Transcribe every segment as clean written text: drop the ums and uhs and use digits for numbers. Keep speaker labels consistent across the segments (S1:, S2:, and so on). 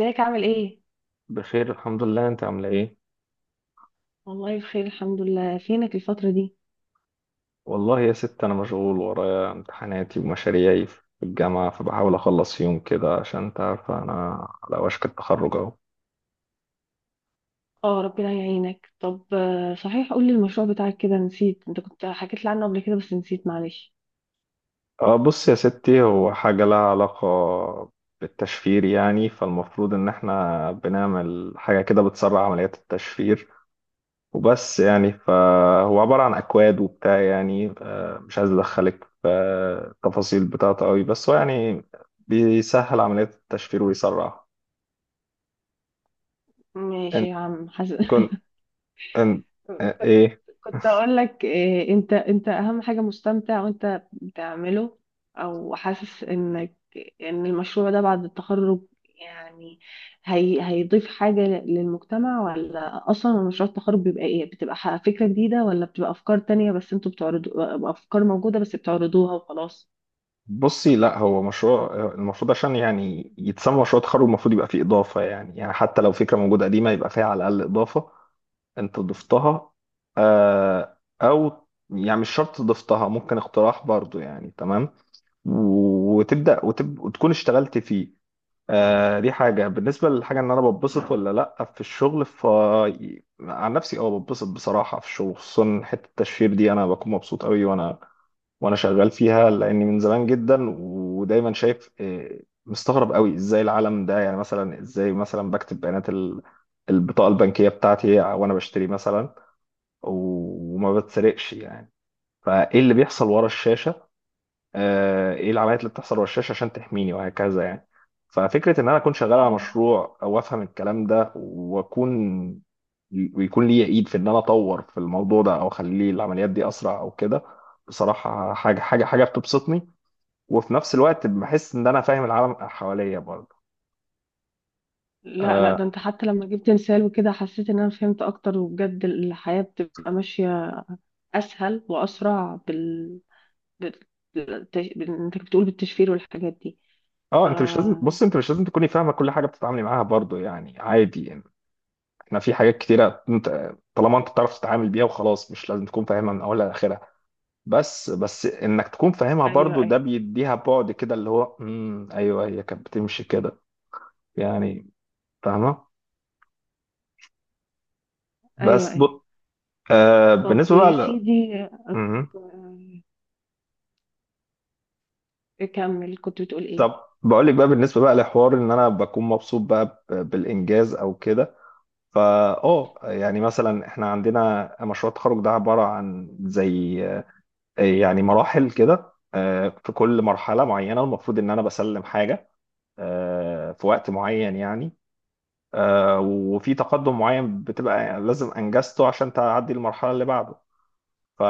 S1: ازيك عامل ايه؟
S2: بخير، الحمد لله. انت عامله ايه؟
S1: والله بخير الحمد لله، فينك الفترة دي؟
S2: والله يا ست انا مشغول ورايا امتحاناتي ومشاريعي في الجامعه، فبحاول اخلص يوم كده عشان انت عارفه انا على وشك التخرج اهو.
S1: اه، ربنا يعينك. طب صحيح، قولي المشروع بتاعك، كده نسيت. انت كنت حكيت لي عنه قبل كده بس نسيت، معلش.
S2: اه، بص يا ستي، هو حاجه لها علاقه بالتشفير يعني، فالمفروض ان احنا بنعمل حاجه كده بتسرع عمليات التشفير وبس يعني. فهو عباره عن اكواد وبتاع يعني، اه مش عايز ادخلك في التفاصيل بتاعته قوي، بس هو يعني بيسهل عمليات التشفير ويسرعها.
S1: ماشي يا عم حسن.
S2: كنت أم- ايه...
S1: كنت اقول لك إيه، انت اهم حاجه مستمتع وانت بتعمله، او حاسس ان المشروع ده بعد التخرج يعني هيضيف حاجه للمجتمع، ولا اصلا مشروع التخرج بيبقى ايه، بتبقى فكره جديده ولا بتبقى افكار تانية بس انتوا بتعرضوا افكار موجوده بس بتعرضوها وخلاص؟
S2: بصي، لا هو مشروع، المفروض عشان يعني يتسمى مشروع تخرج المفروض يبقى فيه اضافه يعني. يعني حتى لو فكره موجوده قديمه يبقى فيها على الاقل اضافه انت ضفتها. آه، او يعني مش شرط ضفتها، ممكن اقتراح برضو يعني، تمام. وتبدا وتكون اشتغلت فيه. آه، دي حاجه بالنسبه للحاجه ان انا بتبسط ولا لا في الشغل. ف... عن نفسي اه بتبسط بصراحه في الشغل، خصوصا حته التشفير دي انا بكون مبسوط قوي، وانا شغال فيها لاني من زمان جدا. ودايما شايف، مستغرب قوي ازاي العالم ده، يعني مثلا ازاي مثلا بكتب بيانات البطاقه البنكيه بتاعتي وانا بشتري مثلا وما بتسرقش يعني. فايه اللي بيحصل ورا الشاشه؟ ايه العمليات اللي بتحصل ورا الشاشه عشان تحميني وهكذا يعني. ففكره ان انا اكون شغال على
S1: اه.
S2: مشروع او افهم الكلام ده واكون، ويكون لي ايد في ان انا اطور في الموضوع ده او اخليه العمليات دي اسرع او كده، بصراحه حاجه بتبسطني. وفي نفس الوقت بحس ان انا فاهم العالم حواليا برضه.
S1: لا، لا،
S2: اه،
S1: ده انت حتى لما جبت مثال وكده حسيت ان انا فهمت اكتر، وبجد الحياه بتبقى ماشيه اسهل واسرع بت- انت كنت بتقول بالتشفير والحاجات دي.
S2: انت مش لازم،
S1: آه.
S2: بص، انت مش لازم تكوني فاهمه كل حاجه بتتعاملي معاها برضه يعني، عادي يعني. احنا في حاجات كتيره، انت طالما انت بتعرف تتعامل بيها وخلاص، مش لازم تكون فاهمها من اولها لاخرها. بس انك تكون فاهمها
S1: ايوه،
S2: برضه، ده
S1: ايوه،
S2: بيديها بعد كده. اللي هو ايوه، هي كانت بتمشي كده يعني، فاهمه؟
S1: ايوه،
S2: بس ب...
S1: ايوه.
S2: آه،
S1: طب
S2: بالنسبه بقى
S1: يا
S2: ل...
S1: سيدي، أك-
S2: مم.
S1: اكمل كنت بتقول ايه؟
S2: طب بقول لك بقى، بالنسبه بقى لحوار ان انا بكون مبسوط بقى بالانجاز او كده، فا اه يعني مثلا احنا عندنا مشروع التخرج ده عباره عن زي، يعني مراحل كده. في كل مرحله معينه المفروض ان انا بسلم حاجه في وقت معين يعني، وفي تقدم معين بتبقى لازم انجزته عشان تعدي المرحله اللي بعده ف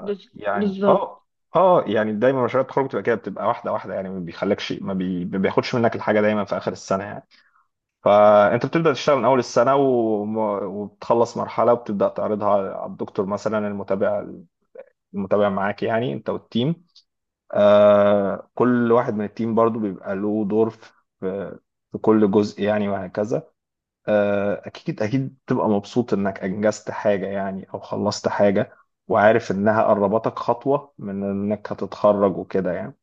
S1: بز-
S2: يعني.
S1: بالظبط
S2: اه، اه يعني دايما مشاريع التخرج بتبقى كده، بتبقى واحده واحده يعني، ما بيخليكش، ما بياخدش منك الحاجه دايما في اخر السنه يعني. فانت بتبدا تشتغل من اول السنه وبتخلص مرحله، وبتبدا تعرضها على الدكتور مثلا المتابع، معاك يعني، انت والتيم. آه، كل واحد من التيم برضو بيبقى له دور في، في كل جزء يعني وهكذا. آه، اكيد اكيد بتبقى مبسوط انك انجزت حاجه يعني او خلصت حاجه، وعارف انها قربتك خطوه من انك هتتخرج وكده يعني،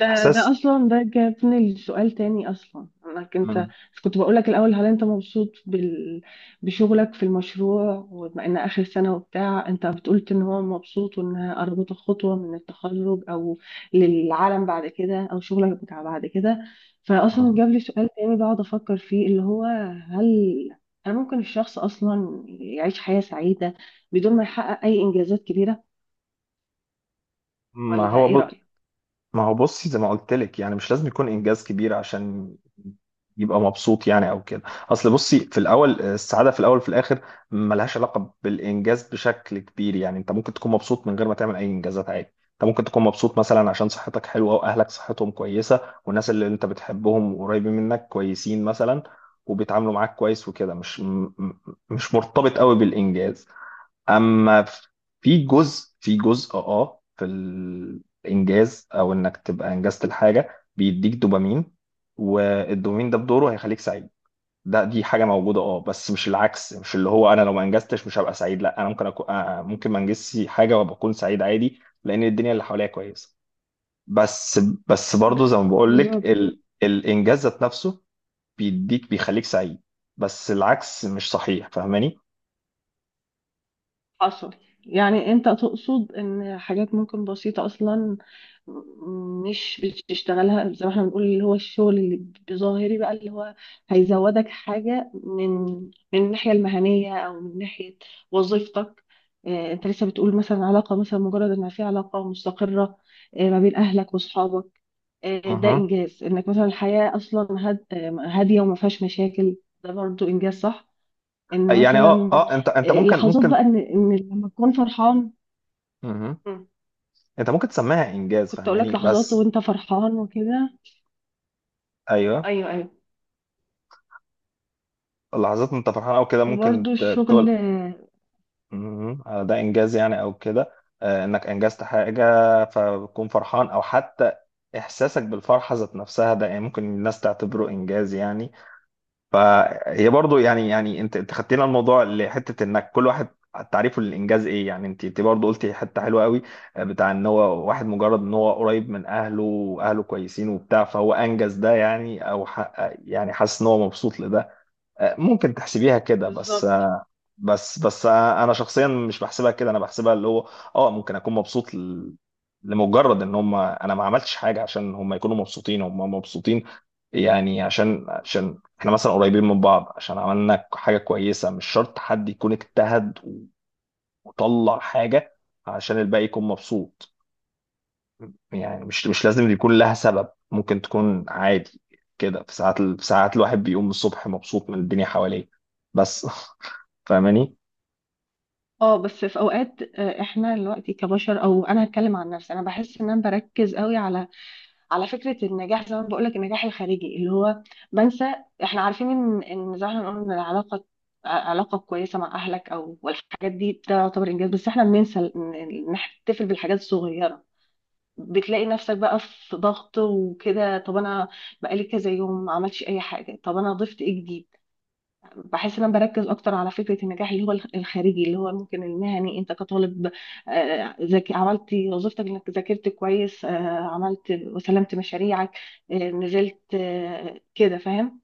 S1: ده اصلا ده جابني لسؤال تاني، اصلا انك انت
S2: مم.
S1: كنت بقولك الاول، هل انت مبسوط بشغلك في المشروع؟ وبما ان اخر سنه وبتاع، انت بتقولت ان هو مبسوط وانها قربت خطوه من التخرج، او للعالم بعد كده، او شغلك بتاع بعد كده، فاصلا
S2: مم.
S1: جاب لي سؤال تاني بقعد افكر فيه، اللي هو: هل هل ممكن الشخص اصلا يعيش حياه سعيده بدون ما يحقق اي انجازات كبيره؟
S2: ما
S1: ولا ايه
S2: هو
S1: رايك؟
S2: ما هو بصي زي ما قلت لك، يعني مش لازم يكون انجاز كبير عشان يبقى مبسوط يعني او كده. اصل بصي، في الاول السعاده في الاول وفي الاخر ملهاش علاقه بالانجاز بشكل كبير يعني. انت ممكن تكون مبسوط من غير ما تعمل اي انجازات عادي. انت ممكن تكون مبسوط مثلا عشان صحتك حلوه، واهلك صحتهم كويسه، والناس اللي انت بتحبهم قريبين منك كويسين مثلا وبيتعاملوا معاك كويس وكده. مش م- م- مش مرتبط قوي بالانجاز. اما في جزء اه في الانجاز، او انك تبقى انجزت الحاجه، بيديك دوبامين، والدوبامين ده بدوره هيخليك سعيد. ده دي حاجه موجوده اه، بس مش العكس. مش اللي هو انا لو ما انجزتش مش هبقى سعيد. لا، انا ممكن أكون ممكن ما انجزش حاجه وابقى اكون سعيد عادي لان الدنيا اللي حواليا كويسه. بس
S1: ب-
S2: برضه زي ما بقول لك،
S1: بالظبط.
S2: ال... الانجاز ذات نفسه بيديك بيخليك سعيد، بس العكس مش صحيح، فاهماني؟
S1: حصل. يعني انت تقصد ان حاجات ممكن بسيطة اصلا، مش بتشتغلها زي ما احنا بنقول، اللي هو الشغل اللي بظاهري بقى، اللي هو هيزودك حاجة من الناحية المهنية، او من ناحية وظيفتك. اه، انت لسه بتقول مثلا علاقة، مثلا مجرد ان في علاقة مستقرة، اه، ما بين اهلك واصحابك، اه، ده
S2: اها،
S1: انجاز انك مثلا الحياة اصلا هادية وما فيهاش مشاكل، ده برضو انجاز صح؟ ان
S2: يعني اه،
S1: مثلا
S2: اه انت ممكن
S1: لحظات
S2: ممكن
S1: بقى ان لما تكون فرحان.
S2: مهم.
S1: مم.
S2: انت ممكن تسميها انجاز،
S1: كنت اقول
S2: فاهماني؟
S1: لك لحظات
S2: بس
S1: وانت فرحان وكده.
S2: ايوه،
S1: ايوه، ايوه.
S2: اللحظات انت فرحان او كده ممكن
S1: وبرده الشغل
S2: تقول
S1: آه،
S2: مهم. آه، ده انجاز يعني او كده، آه، انك انجزت حاجه فبتكون فرحان، او حتى احساسك بالفرحه ذات نفسها، ده يعني ممكن الناس تعتبره انجاز يعني. فهي برضو يعني، يعني انت خدتينا الموضوع لحته انك كل واحد تعريفه للانجاز ايه يعني. انت برضو قلتي حته حلوه قوي، آه، بتاع ان هو واحد مجرد ان هو قريب من اهله واهله كويسين وبتاع، فهو انجز ده يعني، او يعني حاسس ان هو مبسوط لده، ممكن تحسبيها كده. بس
S1: بالظبط.
S2: بس انا شخصيا مش بحسبها كده، انا بحسبها اللي هو اه ممكن اكون مبسوط لمجرد ان هم... انا ما عملتش حاجه عشان هم يكونوا مبسوطين، هم مبسوطين يعني عشان احنا مثلا قريبين من بعض، عشان عملنا حاجه كويسه. مش شرط حد يكون اجتهد وطلع حاجه عشان الباقي يكون مبسوط. يعني مش، مش لازم يكون لها سبب، ممكن تكون عادي كده. في ساعات الواحد بيقوم الصبح مبسوط من الدنيا حواليه بس فاهماني؟
S1: اه بس في اوقات، احنا دلوقتي كبشر، او انا هتكلم عن نفسي، انا بحس ان انا بركز قوي على فكره النجاح. زي ما بقول لك النجاح الخارجي اللي هو بنسى. احنا عارفين ان زي ما احنا بنقول ان العلاقه، علاقه كويسه مع اهلك والحاجات دي، ده يعتبر انجاز. بس احنا بننسى إن نحتفل بالحاجات الصغيره. بتلاقي نفسك بقى في ضغط وكده، طب انا بقالي كذا يوم ما عملتش اي حاجه، طب انا ضفت ايه جديد؟ بحس ان انا بركز اكتر على فكره النجاح اللي هو الخارجي، اللي هو ممكن المهني، انت كطالب ذاك عملت وظيفتك انك ذاكرت كويس، عملت وسلمت مشاريعك، نزلت، كده فاهم.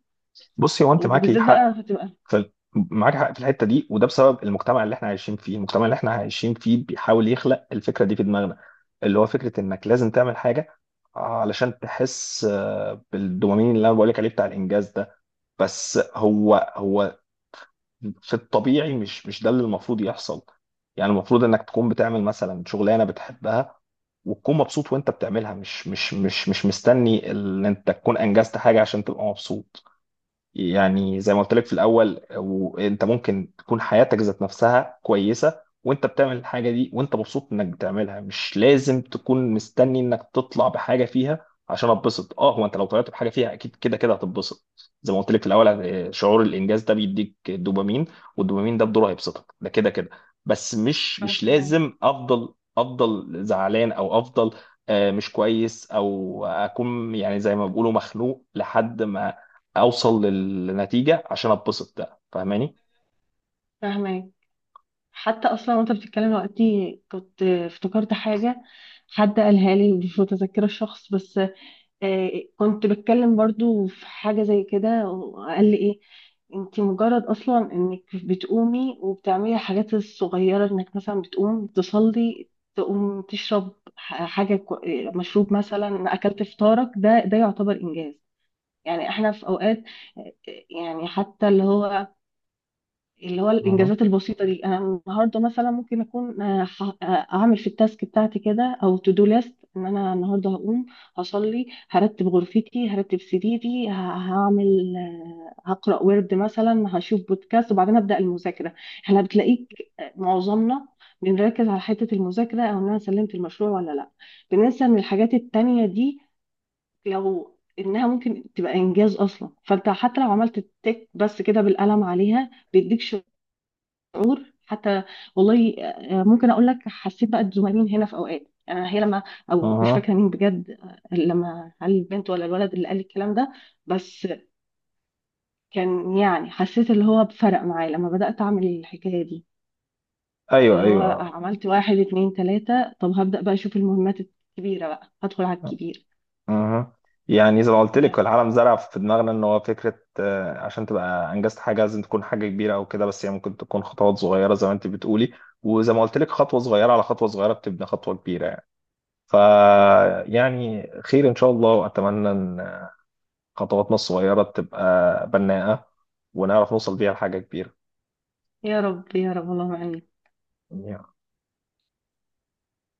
S2: بصي، هو انت معاكي
S1: وبالذات
S2: حق،
S1: بقى بتبقى.
S2: معاك حق في الحته دي، وده بسبب المجتمع اللي احنا عايشين فيه. المجتمع اللي احنا عايشين فيه بيحاول يخلق الفكره دي في دماغنا، اللي هو فكره انك لازم تعمل حاجه علشان تحس بالدوبامين اللي انا بقولك عليه بتاع الانجاز ده. بس هو في الطبيعي مش، مش ده اللي المفروض يحصل. يعني المفروض انك تكون بتعمل مثلا شغلانه بتحبها، وتكون مبسوط وانت بتعملها، مش مستني ان انت تكون انجزت حاجه عشان تبقى مبسوط. يعني زي ما قلت لك في الاول، وانت ممكن تكون حياتك ذات نفسها كويسه، وانت بتعمل الحاجه دي وانت مبسوط انك بتعملها، مش لازم تكون مستني انك تطلع بحاجه فيها عشان اتبسط. اه هو انت لو طلعت بحاجه فيها اكيد كده كده هتتبسط. زي ما قلت لك في الاول، آه، شعور الانجاز ده بيديك دوبامين، والدوبامين ده بدوره هيبسطك ده كده كده. بس مش، مش
S1: فاهمه،
S2: لازم افضل، زعلان او افضل، آه، مش كويس، او اكون يعني زي ما بيقولوا مخنوق لحد ما اوصل للنتيجه عشان اتبسط ده، فاهماني؟
S1: فاهمه. حتى اصلا وانت بتتكلم دلوقتي كنت افتكرت حاجه، حد قالها لي، مش متذكره الشخص بس، آه، كنت بتكلم برضو في حاجه زي كده وقال لي ايه: انت مجرد اصلا انك بتقومي وبتعملي الحاجات الصغيره، انك مثلا بتقوم تصلي، تقوم تشرب مشروب مثلا، اكلت فطارك، ده يعتبر انجاز. يعني احنا في اوقات آه، يعني حتى اللي هو
S2: اها.
S1: الانجازات البسيطه دي. انا النهارده مثلا ممكن اكون اعمل في التاسك بتاعتي كده، او تو دو ليست، ان انا النهارده هقوم هصلي، هرتب غرفتي، هرتب سريري، هعمل هقرا ورد مثلا، هشوف بودكاست وبعدين ابدا المذاكره. احنا بتلاقيك معظمنا بنركز على حته المذاكره، او ان انا سلمت المشروع ولا لا. بننسى ان الحاجات التانيه دي لو انها ممكن تبقى انجاز اصلا، فانت حتى لو عملت التك بس كده بالقلم عليها، بيديك شعور حتى. والله ممكن اقول لك حسيت بقى بزملائين هنا في اوقات، هي لما، او مش
S2: اها.
S1: فاكره مين بجد، لما هل البنت ولا الولد اللي قال الكلام ده، بس كان يعني حسيت اللي هو بفرق معايا لما بدات اعمل الحكايه دي،
S2: ايوه
S1: اللي هو
S2: ايوه.
S1: عملت واحد، اتنين، تلاته، طب هبدا بقى اشوف المهمات الكبيره، بقى هدخل على الكبير
S2: اها، يعني زي ما قلت لك،
S1: بقى.
S2: العالم زرع في دماغنا ان هو فكره، آه، عشان تبقى انجزت حاجه لازم تكون حاجه كبيره او كده، بس هي ممكن تكون خطوات صغيره زي ما انت بتقولي. وزي ما قلت لك، خطوه صغيره على خطوه صغيره بتبني خطوه كبيره يعني. ف يعني خير ان شاء الله، واتمنى ان خطواتنا الصغيره تبقى بناءه، ونعرف نوصل بيها لحاجه كبيره.
S1: يا رب، يا رب، اللهم امين.